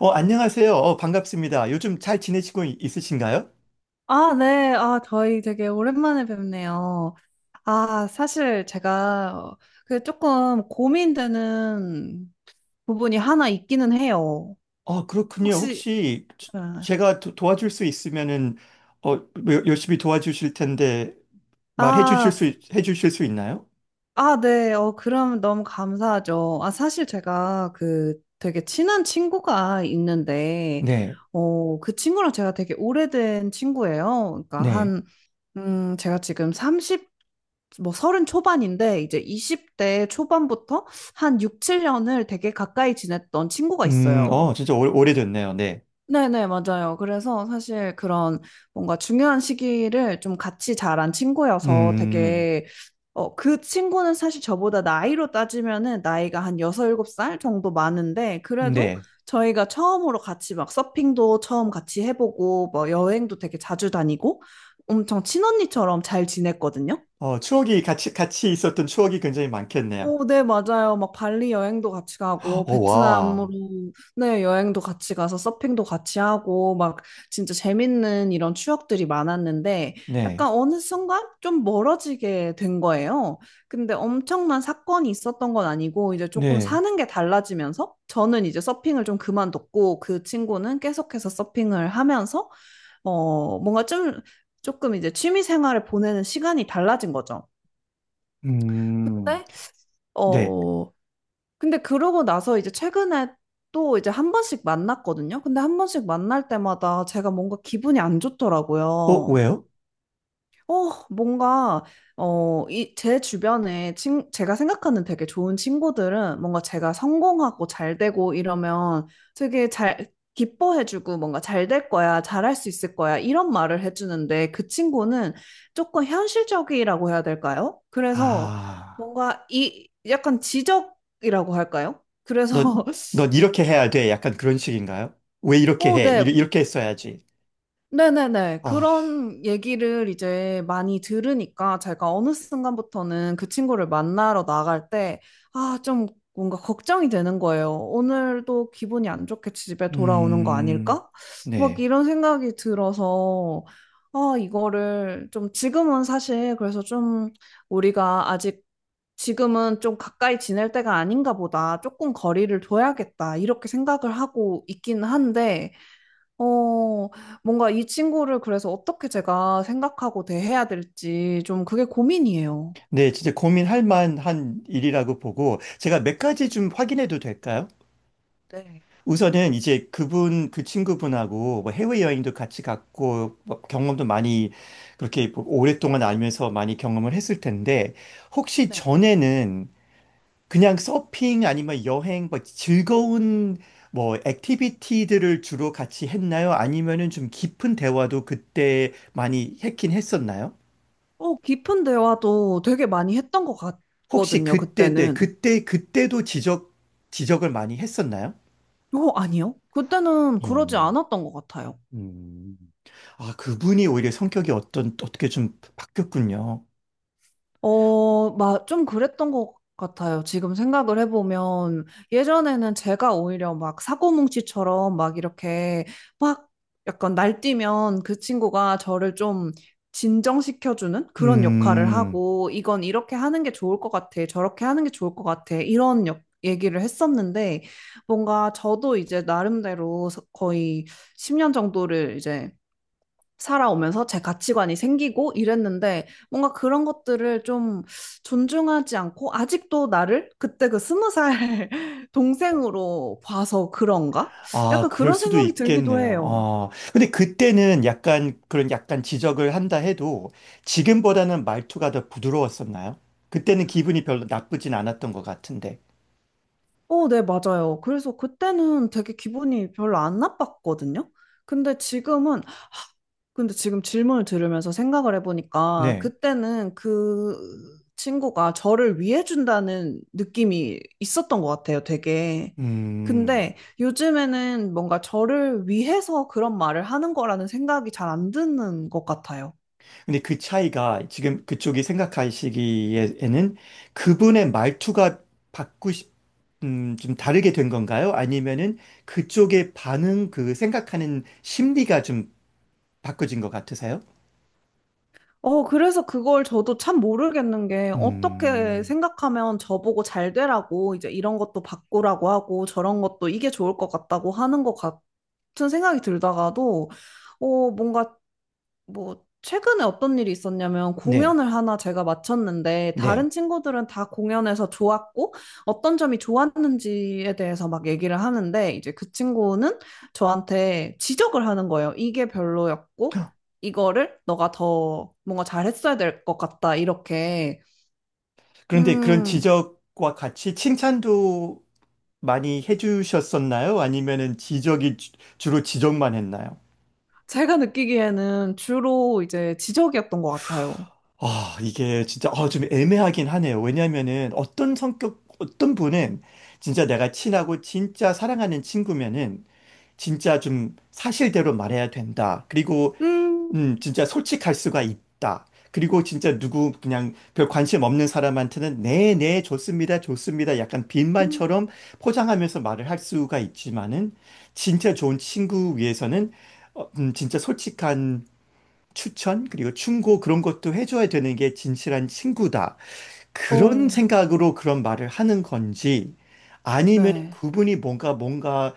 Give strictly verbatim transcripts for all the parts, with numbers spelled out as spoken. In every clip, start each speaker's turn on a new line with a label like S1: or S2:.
S1: 어, 안녕하세요. 어, 반갑습니다. 요즘 잘 지내시고 이- 있으신가요?
S2: 아, 네. 아, 저희 되게 오랜만에 뵙네요. 아, 사실 제가 어, 그 조금 고민되는 부분이 하나 있기는 해요.
S1: 어, 그렇군요.
S2: 혹시,
S1: 혹시 저-
S2: 네.
S1: 제가 도, 와줄수 있으면은 어, 뭐 열심히 도와주실 텐데 말해 주실
S2: 아,
S1: 수, 있- 해 주실 수 있나요?
S2: 아, 네. 어, 그럼 너무 감사하죠. 아, 사실 제가 그 되게 친한 친구가 있는데,
S1: 네.
S2: 어, 그 친구랑 제가 되게 오래된 친구예요. 그러니까
S1: 네.
S2: 한 음, 제가 지금 삼십, 뭐 삼십 초반인데 이제 이십 대 초반부터 한 육, 칠 년을 되게 가까이 지냈던 친구가
S1: 음,
S2: 있어요.
S1: 어, 진짜 오, 오래됐네요. 네.
S2: 네네, 맞아요. 그래서 사실 그런 뭔가 중요한 시기를 좀 같이 자란 친구여서
S1: 음,
S2: 되게, 어, 그 친구는 사실 저보다 나이로 따지면은 나이가 한 여섯 일곱 살 정도 많은데, 그래도
S1: 네.
S2: 저희가 처음으로 같이 막 서핑도 처음 같이 해보고, 뭐 여행도 되게 자주 다니고, 엄청 친언니처럼 잘 지냈거든요.
S1: 어, 추억이 같이, 같이 있었던 추억이 굉장히 많겠네요.
S2: 오, 네, 맞아요. 막 발리 여행도 같이 가고,
S1: 어,
S2: 베트남으로,
S1: 와.
S2: 네, 여행도 같이 가서 서핑도 같이 하고, 막 진짜 재밌는 이런 추억들이 많았는데,
S1: 네.
S2: 약간 어느 순간 좀 멀어지게 된 거예요. 근데 엄청난 사건이 있었던 건 아니고, 이제 조금
S1: 네.
S2: 사는 게 달라지면서, 저는 이제 서핑을 좀 그만뒀고, 그 친구는 계속해서 서핑을 하면서, 어, 뭔가 좀, 조금 이제 취미 생활을 보내는 시간이 달라진 거죠.
S1: 음,
S2: 근데
S1: 네.
S2: 어, 근데 그러고 나서 이제 최근에 또 이제 한 번씩 만났거든요. 근데 한 번씩 만날 때마다 제가 뭔가 기분이 안
S1: 어,
S2: 좋더라고요.
S1: 왜요?
S2: 어, 뭔가, 어, 이, 제 주변에 친, 제가 생각하는 되게 좋은 친구들은 뭔가 제가 성공하고 잘 되고 이러면 되게 잘, 기뻐해주고 뭔가 잘될 거야, 잘할 수 있을 거야, 이런 말을 해주는데 그 친구는 조금 현실적이라고 해야 될까요? 그래서
S1: 아.
S2: 뭔가 이, 약간 지적이라고 할까요?
S1: 넌,
S2: 그래서,
S1: 넌 이렇게 해야 돼. 약간 그런 식인가요? 왜 이렇게
S2: 어,
S1: 해? 이
S2: 네,
S1: 이렇게 했어야지.
S2: 네네네.
S1: 아,
S2: 그런 얘기를 이제 많이 들으니까 제가 어느 순간부터는 그 친구를 만나러 나갈 때, 아, 좀 뭔가 걱정이 되는 거예요. 오늘도 기분이 안 좋게 집에 돌아오는 거
S1: 음,
S2: 아닐까? 막
S1: 네.
S2: 이런 생각이 들어서, 아, 이거를 좀 지금은 사실 그래서 좀 우리가 아직 지금은 좀 가까이 지낼 때가 아닌가 보다. 조금 거리를 둬야겠다. 이렇게 생각을 하고 있긴 한데, 어, 뭔가 이 친구를 그래서 어떻게 제가 생각하고 대해야 될지 좀 그게 고민이에요.
S1: 네, 진짜 고민할 만한 일이라고 보고, 제가 몇 가지 좀 확인해도 될까요?
S2: 네.
S1: 우선은 이제 그분, 그 친구분하고 뭐 해외여행도 같이 갔고, 뭐 경험도 많이 그렇게 오랫동안 알면서 많이 경험을 했을 텐데, 혹시
S2: 네.
S1: 전에는 그냥 서핑 아니면 여행 뭐 즐거운 뭐 액티비티들을 주로 같이 했나요? 아니면은 좀 깊은 대화도 그때 많이 했긴 했었나요?
S2: 어, 깊은 대화도 되게 많이 했던 것
S1: 혹시
S2: 같거든요,
S1: 그때 네,
S2: 그때는.
S1: 그때 그때도 지적 지적을 많이 했었나요?
S2: 어, 아니요? 그때는
S1: 어,
S2: 그러지 않았던 것 같아요.
S1: 음. 아, 그분이 오히려 성격이 어떤 어떻게 좀 바뀌었군요.
S2: 어, 막 좀 그랬던 것 같아요. 지금 생각을 해보면 예전에는 제가 오히려 막 사고뭉치처럼 막 이렇게 막 약간 날뛰면 그 친구가 저를 좀 진정시켜주는 그런 역할을
S1: 음.
S2: 하고 이건 이렇게 하는 게 좋을 것 같아. 저렇게 하는 게 좋을 것 같아. 이런 역- 얘기를 했었는데 뭔가 저도 이제 나름대로 서- 거의 십 년 정도를 이제 살아오면서 제 가치관이 생기고 이랬는데 뭔가 그런 것들을 좀 존중하지 않고 아직도 나를 그때 그 스무 살 동생으로 봐서 그런가?
S1: 아,
S2: 약간
S1: 그럴
S2: 그런
S1: 수도
S2: 생각이 들기도
S1: 있겠네요.
S2: 해요.
S1: 어. 근데 그때는 약간 그런 약간 지적을 한다 해도 지금보다는 말투가 더 부드러웠었나요? 그때는 기분이 별로 나쁘진 않았던 것 같은데.
S2: 어, 네, 맞아요. 그래서 그때는 되게 기분이 별로 안 나빴거든요. 근데 지금은 근데 지금 질문을 들으면서 생각을 해보니까
S1: 네.
S2: 그때는 그 친구가 저를 위해준다는 느낌이 있었던 것 같아요, 되게.
S1: 음.
S2: 근데 요즘에는 뭔가 저를 위해서 그런 말을 하는 거라는 생각이 잘 안 드는 것 같아요.
S1: 근데 그 차이가 지금 그쪽이 생각하시기에는 그분의 말투가 바꾸 싶, 음, 좀 다르게 된 건가요? 아니면은 그쪽의 반응, 그 생각하는 심리가 좀 바꿔진 것 같으세요?
S2: 어, 그래서 그걸 저도 참 모르겠는 게 어떻게
S1: 음.
S2: 생각하면 저보고 잘 되라고 이제 이런 것도 바꾸라고 하고 저런 것도 이게 좋을 것 같다고 하는 것 같은 생각이 들다가도 어, 뭔가 뭐, 최근에 어떤 일이 있었냐면
S1: 네.
S2: 공연을 하나 제가 마쳤는데
S1: 네.
S2: 다른 친구들은 다 공연에서 좋았고 어떤 점이 좋았는지에 대해서 막 얘기를 하는데 이제 그 친구는 저한테 지적을 하는 거예요. 이게 별로였고 이거를 너가 더 뭔가 잘했어야 될 것 같다. 이렇게.
S1: 그런데 그런
S2: 음,
S1: 지적과 같이 칭찬도 많이 해주셨었나요? 아니면은 지적이 주- 주로 지적만 했나요?
S2: 제가 느끼기에는 주로 이제 지적이었던 것 같아요.
S1: 아, 이게 진짜 아, 좀 애매하긴 하네요. 왜냐면은 어떤 성격, 어떤 분은 진짜 내가 친하고 진짜 사랑하는 친구면은 진짜 좀 사실대로 말해야 된다. 그리고
S2: 음,
S1: 음, 진짜 솔직할 수가 있다. 그리고 진짜 누구 그냥 별 관심 없는 사람한테는 네, 네, 좋습니다, 좋습니다. 약간
S2: 음,
S1: 빈말처럼 포장하면서 말을 할 수가 있지만은 진짜 좋은 친구 위해서는 어, 음, 진짜 솔직한 추천 그리고 충고 그런 것도 해줘야 되는 게 진실한 친구다. 그런
S2: 오,
S1: 생각으로 그런 말을 하는 건지 아니면
S2: 네,
S1: 그분이 뭔가 뭔가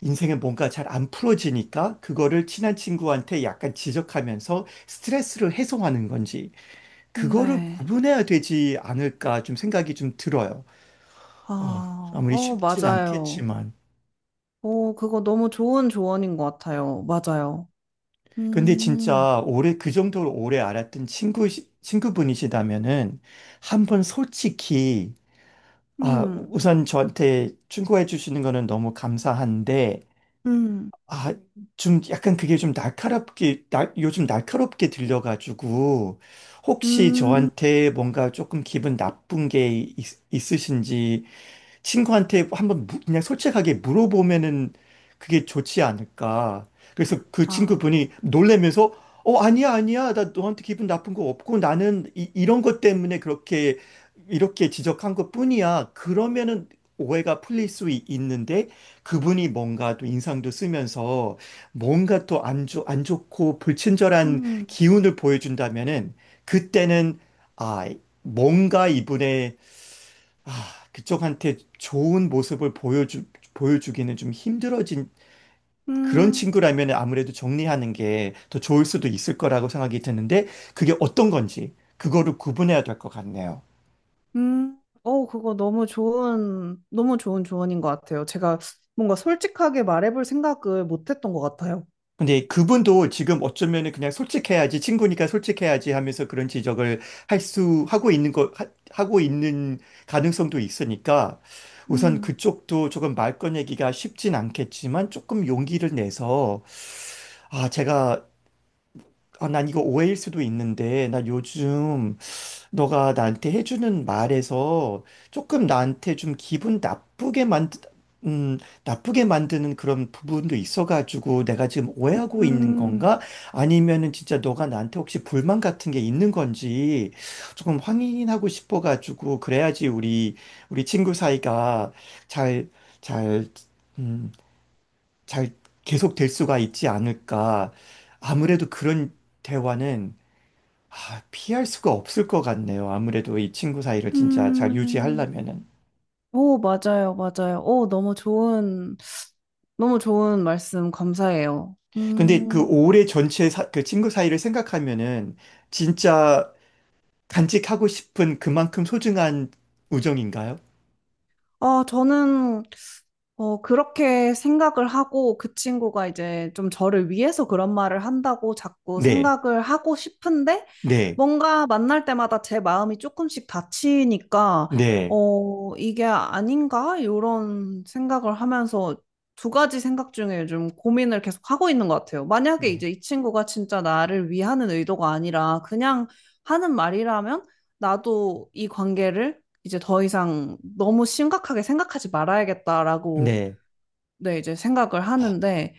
S1: 인생에 뭔가 잘 안 풀어지니까 그거를 친한 친구한테 약간 지적하면서 스트레스를 해소하는 건지
S2: 음,
S1: 그거를
S2: 네.
S1: 구분해야 되지 않을까 좀 생각이 좀 들어요. 어,
S2: 아,
S1: 아무리
S2: 어,
S1: 쉽진
S2: 맞아요.
S1: 않겠지만.
S2: 오, 그거 너무 좋은 조언인 것 같아요. 맞아요.
S1: 근데
S2: 음,
S1: 진짜 오래 그 정도로 오래 알았던 친구 친구분이시다면은 한번 솔직히 아,
S2: 음,
S1: 우선 저한테 충고해 주시는 거는 너무 감사한데
S2: 음,
S1: 아, 좀 약간 그게 좀 날카롭게, 날, 요즘 날카롭게 들려가지고, 혹시
S2: 음,
S1: 저한테 뭔가 조금 기분 나쁜 게 있, 으신지 친구한테 한번 무- 그냥 솔직하게 물어보면은 그게 좋지 않을까. 그래서 그
S2: 아,
S1: 친구분이 놀래면서 어, 아니야, 아니야. 나 너한테 기분 나쁜 거 없고 나는 이, 이런 것 때문에 그렇게 이렇게 지적한 것뿐이야. 그러면은 오해가 풀릴 수 있- 있는데 그분이 뭔가 또 인상도 쓰면서 뭔가 또 안 좋, 안 좋고 불친절한
S2: 음,
S1: 기운을 보여준다면은 그때는 아, 뭔가 이분의 아, 그쪽한테 좋은 모습을 보여주, 보여주기는 좀 힘들어진 그런
S2: 음,
S1: 친구라면 아무래도 정리하는 게 더 좋을 수도 있을 거라고 생각이 드는데 그게 어떤 건지 그거를 구분해야 될 것 같네요.
S2: 음. 오, 그거 너무 좋은, 너무 좋은 조언인 것 같아요. 제가 뭔가 솔직하게 말해볼 생각을 못 했던 것 같아요.
S1: 근데 그분도 지금 어쩌면은 그냥 솔직해야지 친구니까 솔직해야지 하면서 그런 지적을 할 수 하고 있는 거 하, 하고 있는 가능성도 있으니까 우선
S2: 음,
S1: 그쪽도 조금 말 꺼내기가 쉽진 않겠지만 조금 용기를 내서 아 제가 아, 난 이거 오해일 수도 있는데, 나 요즘 너가 나한테 해주는 말에서 조금 나한테 좀 기분 나쁘게 만, 음, 나쁘게 만드는 그런 부분도 있어가지고 내가 지금 오해하고 있는
S2: 음,
S1: 건가? 아니면은 진짜 너가 나한테 혹시 불만 같은 게 있는 건지 조금 확인하고 싶어가지고 그래야지 우리, 우리 친구 사이가 잘, 잘, 음, 잘 계속 될 수가 있지 않을까. 아무래도 그런 대화는 아, 피할 수가 없을 것 같네요. 아무래도 이 친구 사이를 진짜 잘
S2: 음.
S1: 유지하려면은.
S2: 오, 맞아요, 맞아요. 오, 너무 좋은, 너무 좋은 말씀 감사해요.
S1: 근데 그
S2: 음,
S1: 올해 전체 사, 그 친구 사이를 생각하면은 진짜 간직하고 싶은 그만큼 소중한 우정인가요?
S2: 아, 저는 어, 그렇게 생각을 하고 그 친구가 이제 좀 저를 위해서 그런 말을 한다고 자꾸
S1: 네,
S2: 생각을 하고 싶은데
S1: 네,
S2: 뭔가 만날 때마다 제 마음이 조금씩 다치니까
S1: 네,
S2: 어, 이게 아닌가? 이런 생각을 하면서 두 가지 생각 중에 요즘 고민을 계속 하고 있는 것 같아요. 만약에
S1: 네,
S2: 이제 이 친구가 진짜 나를 위하는 의도가 아니라 그냥 하는 말이라면 나도 이 관계를 이제 더 이상 너무 심각하게 생각하지 말아야겠다라고
S1: 네.
S2: 네, 이제 생각을 하는데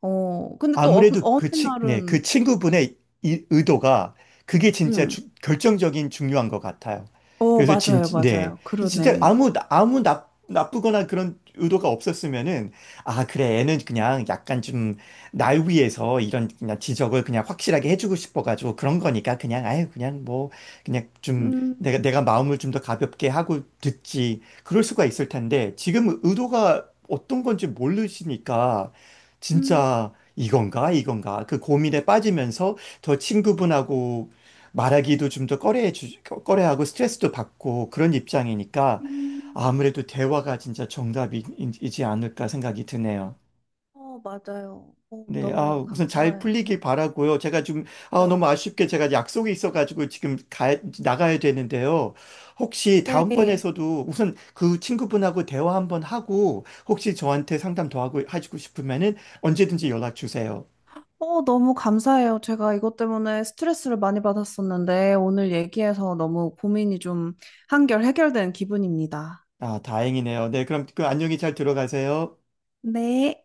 S2: 어, 근데 또 어,
S1: 아무래도
S2: 어느
S1: 그 친, 네,
S2: 날은
S1: 그 친구분의 이- 의도가 그게 진짜
S2: 음.
S1: 주- 결정적인 중요한 것 같아요.
S2: 어,
S1: 그래서 진,
S2: 맞아요.
S1: 네.
S2: 맞아요.
S1: 진짜
S2: 그러네.
S1: 아무, 아무 나, 나쁘거나 그런 의도가 없었으면은, 아, 그래, 애는 그냥 약간 좀 날 위해서 이런 그냥 지적을 그냥 확실하게 해주고 싶어가지고 그런 거니까 그냥, 아유, 그냥 뭐, 그냥 좀
S2: 음.
S1: 내가, 내가 마음을 좀 더 가볍게 하고 듣지. 그럴 수가 있을 텐데, 지금 의도가 어떤 건지 모르시니까,
S2: 음.
S1: 진짜 이건가 이건가 그 고민에 빠지면서 더 친구분하고 말하기도 좀 더 꺼려 꺼려하고 스트레스도 받고 그런 입장이니까
S2: 음.
S1: 아무래도 대화가 진짜 정답이지 않을까 생각이 드네요.
S2: 어, 맞아요. 어,
S1: 네, 아,
S2: 너무
S1: 우선 잘
S2: 감사해요.
S1: 풀리길 바라고요. 제가 좀, 아, 너무
S2: 네.
S1: 아쉽게 제가 약속이 있어가지고 지금 가, 나가야 되는데요. 혹시
S2: 네.
S1: 다음번에서도 우선 그 친구분하고 대화 한번 하고 혹시 저한테 상담 더 하고, 하시고 싶으면은 언제든지 연락 주세요.
S2: 어, 너무 감사해요. 제가 이것 때문에 스트레스를 많이 받았었는데, 오늘 얘기해서 너무 고민이 좀 한결 해결된 기분입니다.
S1: 아, 다행이네요. 네, 그럼 그 안녕히 잘 들어가세요.
S2: 네.